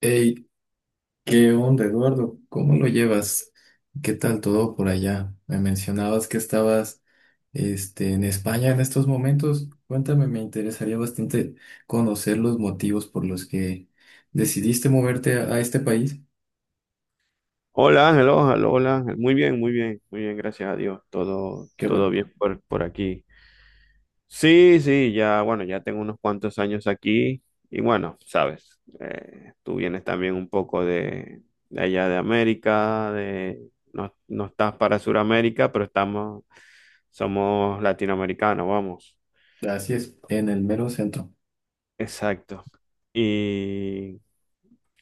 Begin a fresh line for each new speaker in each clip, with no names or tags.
Hey, ¿qué onda, Eduardo? ¿Cómo lo llevas? ¿Qué tal todo por allá? Me mencionabas que estabas, en España en estos momentos. Cuéntame, me interesaría bastante conocer los motivos por los que decidiste moverte a este país,
Hola Ángel, hola Ángel. Muy bien, muy bien, muy bien, gracias a Dios. Todo,
que
todo
bueno,
bien por aquí. Sí, sí, ya, bueno, ya tengo unos cuantos años aquí y bueno, sabes, tú vienes también un poco de allá de América, de, no, no estás para Sudamérica, pero estamos, somos latinoamericanos, vamos.
así es, en el mero centro.
Exacto. Y,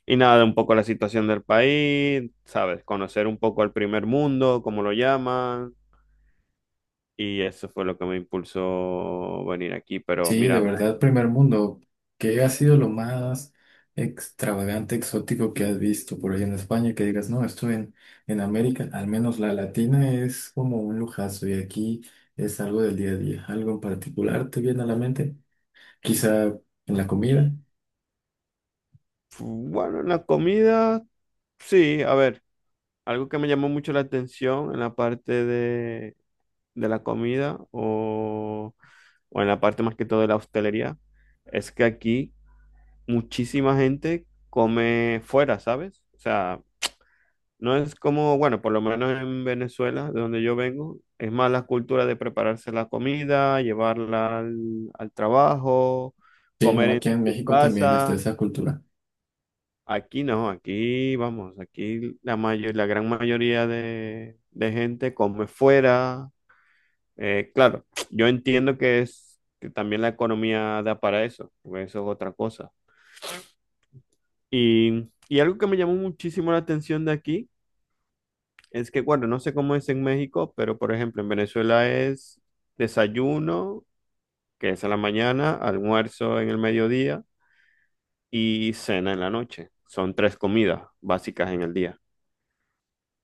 y nada, un poco la situación del país, sabes, conocer un poco el primer mundo, como lo llaman. Y eso fue lo que me impulsó venir aquí. Pero
Sí, de
mira,
verdad, primer mundo. ¿Qué ha sido lo más extravagante, exótico que has visto por ahí en España? Que digas, no, en América, al menos la latina, es como un lujazo y aquí es algo del día a día. ¿Algo en particular te viene a la mente? Quizá en la comida.
bueno, en la comida, sí, a ver, algo que me llamó mucho la atención en la parte de, la comida o en la parte más que todo de la hostelería, es que aquí muchísima gente come fuera, ¿sabes? O sea, no es como, bueno, por lo menos en Venezuela, de donde yo vengo, es más la cultura de prepararse la comida, llevarla al trabajo,
Sí, no,
comer en
aquí en
tu
México también está
casa.
esa cultura.
Aquí no, aquí vamos, aquí la mayor, la gran mayoría de gente come fuera. Claro, yo entiendo que es que también la economía da para eso, porque eso es otra cosa. Y algo que me llamó muchísimo la atención de aquí es que, bueno, no sé cómo es en México, pero por ejemplo, en Venezuela es desayuno, que es a la mañana, almuerzo en el mediodía y cena en la noche. Son tres comidas básicas en el día.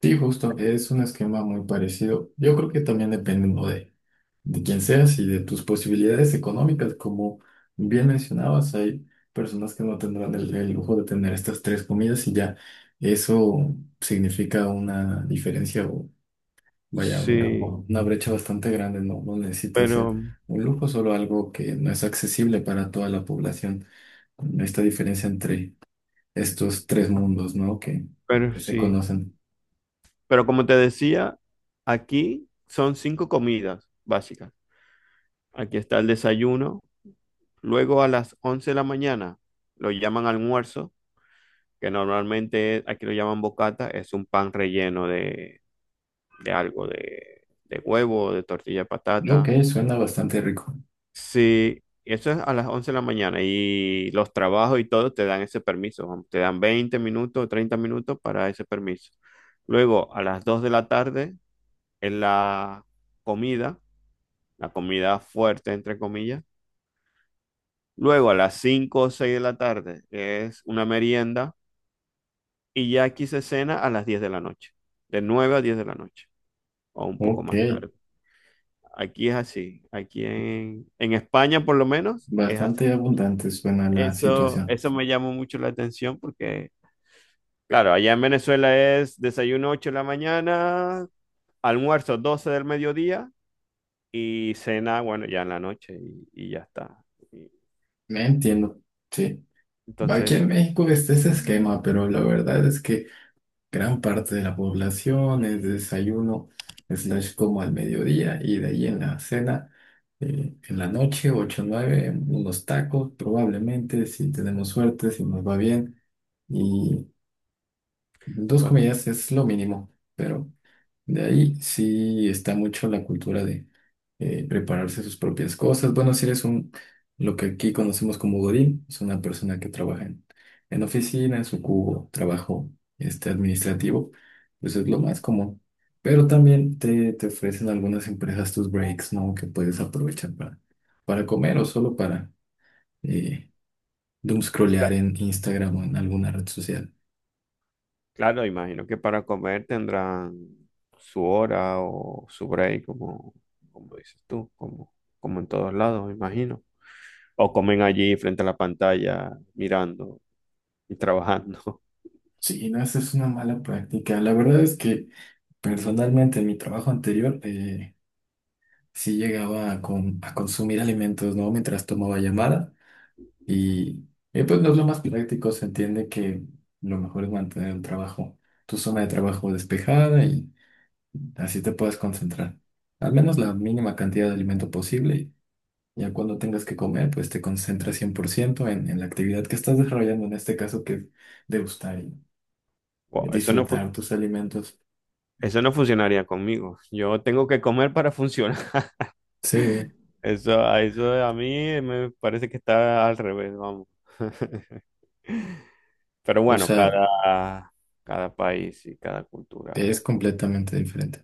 Sí, justo, es un esquema muy parecido. Yo creo que también depende, ¿no?, de quien seas y de tus posibilidades económicas. Como bien mencionabas, hay personas que no tendrán el lujo de tener estas tres comidas y ya eso significa una diferencia o vaya, una,
Sí,
una brecha bastante grande. No, no necesita ser
pero,
un lujo, solo algo que no es accesible para toda la población. Esta diferencia entre estos tres mundos, ¿no?, que
pero
se
sí.
conocen.
Pero como te decía, aquí son cinco comidas básicas. Aquí está el desayuno. Luego a las 11 de la mañana lo llaman almuerzo, que normalmente aquí lo llaman bocata, es un pan relleno de algo, de huevo, de tortilla de
Ok,
patata.
suena bastante rico.
Sí, eso es a las 11 de la mañana y los trabajos y todo te dan ese permiso, te dan 20 minutos, 30 minutos para ese permiso. Luego, a las 2 de la tarde es comida, la comida fuerte, entre comillas. Luego, a las 5 o 6 de la tarde es una merienda y ya aquí se cena a las 10 de la noche, de 9 a 10 de la noche o un poco
Ok,
más tarde. Aquí es así. Aquí en España, por lo menos, es así.
bastante abundante suena la
Eso,
situación.
eso me llamó mucho la atención porque, claro, allá en Venezuela es desayuno 8 de la mañana, almuerzo 12 del mediodía y cena, bueno, ya en la noche y ya está. Y
Me entiendo, sí.
entonces,
Aquí
eso,
en México está ese
sí,
esquema, pero la verdad es que gran parte de la población es desayuno, slash como al mediodía y de ahí en la cena, en la noche, 8 o 9, unos tacos probablemente, si tenemos suerte, si nos va bien. Y dos
pues,
comidas es lo mínimo, pero de ahí sí está mucho la cultura de prepararse sus propias cosas. Bueno, si eres un, lo que aquí conocemos como Godín, es una persona que trabaja en oficinas o cubo, trabajo administrativo, pues es lo más común. Pero también te ofrecen algunas empresas tus breaks, ¿no?, que puedes aprovechar para comer o solo para eh, doomscrollear
cla-
en Instagram o en alguna red social.
claro, imagino que para comer tendrán su hora o su break, como dices tú, como en todos lados, imagino. O comen allí frente a la pantalla, mirando y trabajando.
Sí, no, esa es una mala práctica. La verdad es que personalmente, en mi trabajo anterior, sí llegaba a, a consumir alimentos, ¿no?, mientras tomaba llamada y, pues no es lo más práctico. Se entiende que lo mejor es mantener un trabajo, tu zona de trabajo despejada y así te puedes concentrar. Al menos la mínima cantidad de alimento posible y ya cuando tengas que comer, pues te concentras 100% en la actividad que estás desarrollando, en este caso que es degustar y
Wow, eso no fu-
disfrutar tus alimentos.
eso no funcionaría conmigo. Yo tengo que comer para funcionar.
Sí,
Eso, a eso a mí me parece que está al revés, vamos. Pero
o
bueno,
sea,
cada país y cada cultura.
es completamente diferente.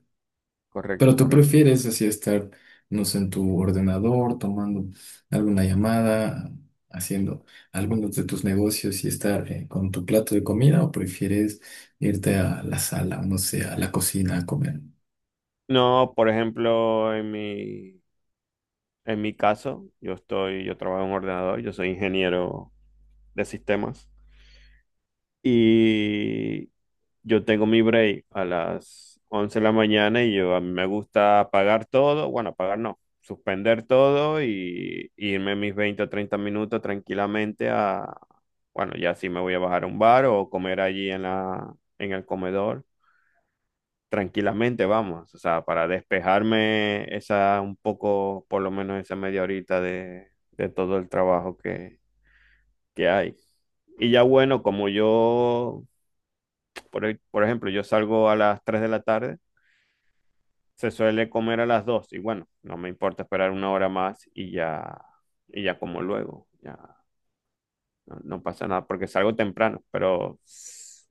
Correcto,
Pero tú
correcto.
prefieres así estar, no sé, en tu ordenador, tomando alguna llamada, haciendo algunos de tus negocios y estar con tu plato de comida, o prefieres irte a la sala, no sé, a la cocina a comer.
No, por ejemplo, en mi caso, yo trabajo en un ordenador, yo soy ingeniero de sistemas. Y yo tengo mi break a las 11 de la mañana y yo a mí me gusta apagar todo, bueno, apagar no, suspender todo y irme mis 20 o 30 minutos tranquilamente a, bueno, ya sí me voy a bajar a un bar o comer allí en la, en el comedor, tranquilamente vamos, o sea, para despejarme esa un poco, por lo menos esa media horita de todo el trabajo que hay. Y ya bueno, como yo, por ejemplo, yo salgo a las 3 de la tarde, se suele comer a las 2 y bueno, no me importa esperar una hora más y ya como luego, ya no, no pasa nada porque salgo temprano, pero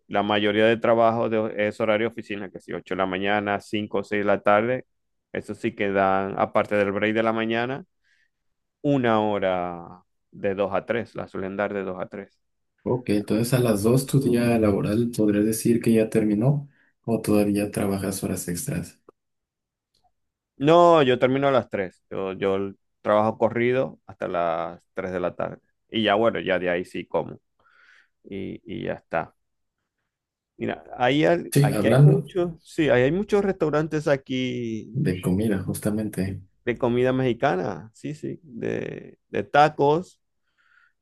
la mayoría de trabajo es horario oficina, que si 8 de la mañana, 5 o 6 de la tarde, eso sí que dan, aparte del break de la mañana, una hora de 2 a 3 la suelen dar de 2 a 3.
Ok, entonces a las dos tu día laboral podrías decir que ya terminó o todavía trabajas horas extras.
No, yo termino a las 3, yo trabajo corrido hasta las 3 de la tarde y ya bueno, ya de ahí sí como y ya está. Mira,
Sí,
aquí hay
hablando
muchos, sí, ahí hay muchos restaurantes aquí
de comida, justamente,
de comida mexicana, sí, sí, de tacos.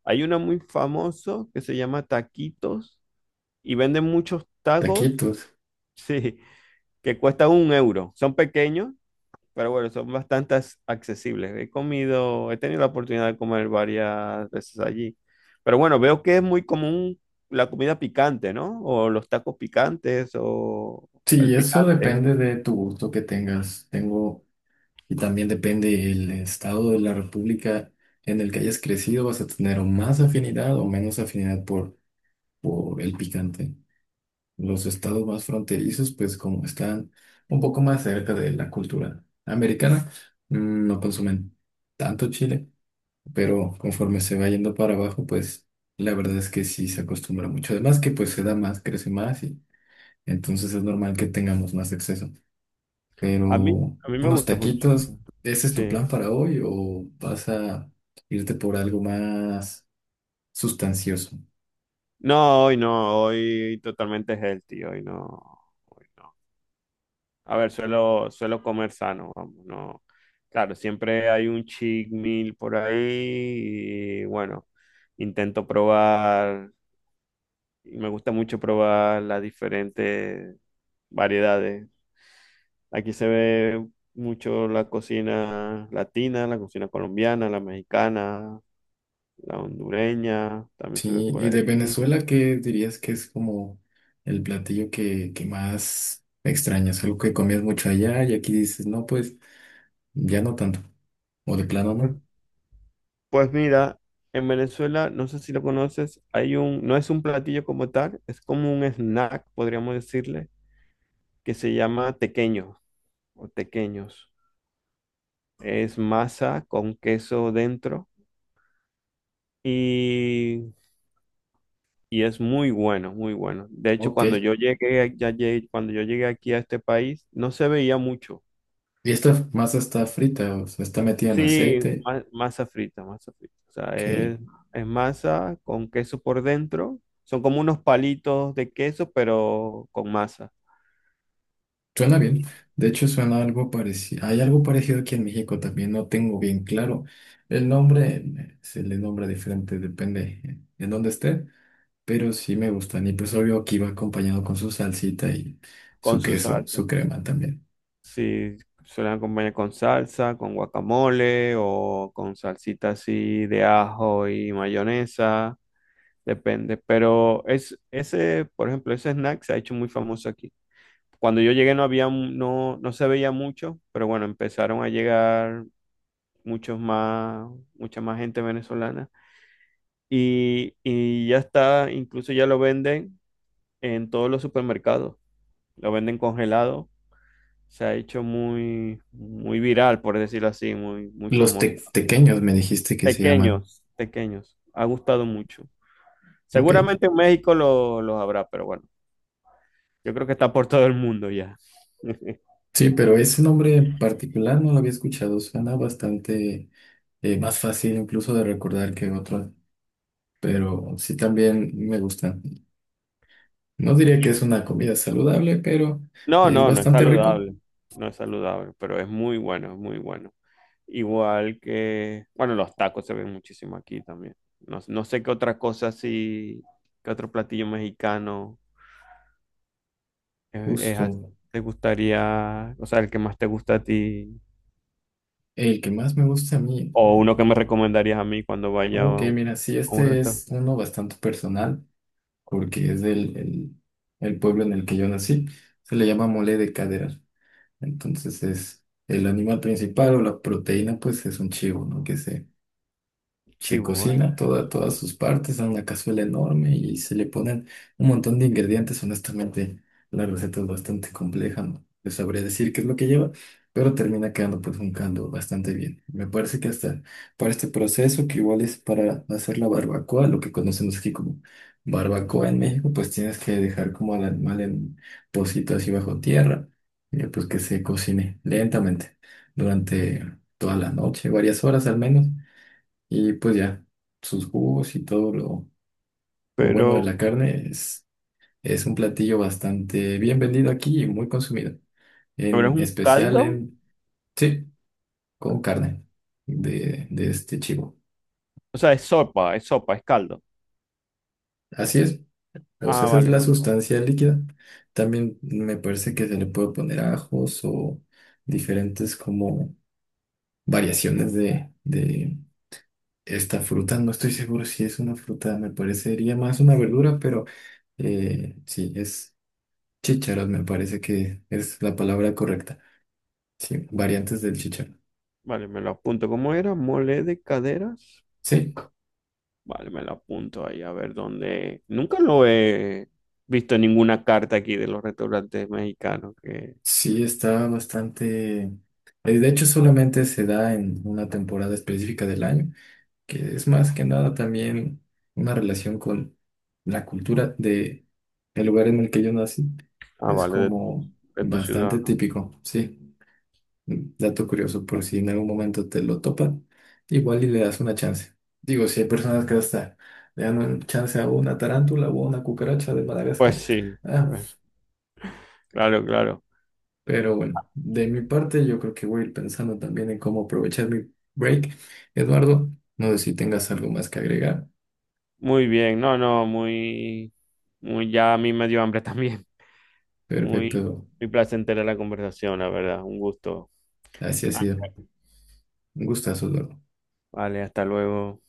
Hay uno muy famoso que se llama Taquitos y venden muchos tacos,
taquitos.
sí, que cuestan 1 euro. Son pequeños, pero bueno, son bastante accesibles. He comido, he tenido la oportunidad de comer varias veces allí. Pero bueno, veo que es muy común la comida picante, ¿no? O los tacos picantes o
Sí,
el
eso
picante.
depende de tu gusto que tengas. Tengo y también depende el estado de la república en el que hayas crecido, vas a tener o más afinidad o menos afinidad por el picante. Los estados más fronterizos, pues como están un poco más cerca de la cultura americana, no consumen tanto chile, pero conforme se va yendo para abajo, pues la verdad es que sí se acostumbra mucho. Además que pues se da más, crece más y entonces es normal que tengamos más exceso.
A mí,
Pero
a mí me
unos
gusta mucho.
taquitos, ¿ese es
Sí.
tu plan para hoy o vas a irte por algo más sustancioso?
No, hoy no, hoy totalmente healthy, hoy no, hoy no. A ver, suelo, suelo comer sano, vamos, no. Claro, siempre hay un cheat meal por ahí y bueno, intento probar, y me gusta mucho probar las diferentes variedades. Aquí se ve mucho la cocina latina, la cocina colombiana, la mexicana, la hondureña, también se ve
Sí,
por
y
ahí.
de Venezuela, ¿qué dirías que es como el platillo que más extrañas? Algo que comías mucho allá y aquí dices, no, pues ya no tanto, o de plano no.
Pues mira, en Venezuela, no sé si lo conoces, hay un, no es un platillo como tal, es como un snack, podríamos decirle, que se llama tequeño o tequeños. Es masa con queso dentro y, y es muy bueno, muy bueno. De hecho,
Ok,
cuando
y
yo llegué, cuando yo llegué aquí a este país, no se veía mucho.
esta masa está frita, o sea, está metida en
Sí,
aceite,
masa frita, masa frita. O sea,
ok.
es, masa con queso por dentro. Son como unos palitos de queso, pero con masa
Suena bien.
y
De hecho, suena algo parecido. Hay algo parecido aquí en México también. No tengo bien claro el nombre. Se le nombra diferente, depende en dónde esté. Pero sí me gustan. Y pues obvio aquí va acompañado con su salsita y su
con su
queso,
salsa.
su crema también.
Sí, suelen acompañar con salsa, con guacamole o con salsita así de ajo y mayonesa. Depende. Pero es, ese, por ejemplo, ese snack se ha hecho muy famoso aquí. Cuando yo llegué no había, no, no se veía mucho, pero bueno, empezaron a llegar muchos más, mucha más gente venezolana. Y ya está, incluso ya lo venden en todos los supermercados, lo venden congelado. Se ha hecho muy, muy viral, por decirlo así, muy, muy
Los
famoso.
tequeños me dijiste que se llaman.
Pequeños, pequeños, ha gustado mucho.
Ok.
Seguramente en México los habrá, pero bueno, yo creo que está por todo el mundo ya.
Sí, pero ese nombre en particular no lo había escuchado. Suena bastante más fácil incluso de recordar que otros. Pero sí también me gustan. No diría
Y
que es una comida saludable, pero
no,
es
no, no es
bastante rico.
saludable, no es saludable, pero es muy bueno, es muy bueno. Igual que, bueno, los tacos se ven muchísimo aquí también. No, no sé qué otra cosa así, qué otro platillo mexicano es,
Justo
te gustaría, o sea, el que más te gusta a ti,
el que más me gusta a mí.
o uno que me recomendarías a mí cuando vaya
Ok,
a un,
mira, sí,
a un
este
restaurante
es uno bastante personal, porque es el pueblo en el que yo nací. Se le llama mole de cadera. Entonces es el animal principal o la proteína, pues es un chivo, ¿no?, que se
chivo, ¿vale?
cocina todas sus partes en una cazuela enorme y se le ponen un montón de ingredientes. Honestamente, la receta es bastante compleja, no te sabría decir qué es lo que lleva, pero termina quedando pues un caldo bastante bien. Me parece que hasta para este proceso, que igual es para hacer la barbacoa, lo que conocemos aquí como barbacoa en México, pues tienes que dejar como al animal en pocito así bajo tierra, y pues que se cocine lentamente durante toda la noche, varias horas al menos y pues ya, sus jugos y todo lo bueno de
Pero,
la carne es un platillo bastante bien vendido aquí y muy consumido.
pero es
En
un
especial
caldo,
en, sí, con carne de este chivo.
o sea, es sopa, es sopa, es caldo.
Así es, o sea,
Ah,
esa es
vale,
la
vale, vale.
sustancia líquida. También me parece que se le puede poner ajos o diferentes como variaciones de esta fruta. No estoy seguro si es una fruta, me parecería más una verdura, pero sí, es. Chícharos, me parece que es la palabra correcta. Sí, variantes del chícharo.
Vale, me lo apunto. ¿Cómo era? Mole de caderas.
Sí,
Vale, me lo apunto ahí a ver dónde. Nunca lo he visto en ninguna carta aquí de los restaurantes mexicanos que...
sí está bastante. De hecho, solamente se da en una temporada específica del año, que es más que nada también una relación con la cultura de el lugar en el que yo nací.
Ah,
Es
vale, de,
como
de tu ciudad,
bastante
¿no?
típico, sí. Dato curioso, por si en algún momento te lo topan, igual y le das una chance. Digo, si hay personas que hasta le dan una chance a una tarántula o a una cucaracha de
Pues
Madagascar.
sí,
Ah,
pues claro, claro.
pero bueno, de mi parte yo creo que voy a ir pensando también en cómo aprovechar mi break. Eduardo, no sé si tengas algo más que agregar.
Muy bien, no, no, ya a mí me dio hambre también. Muy,
Perfecto,
muy placentera la conversación, la verdad, un gusto.
así ha
Ah.
sido. Un gustazo, Eduardo.
Vale, hasta luego.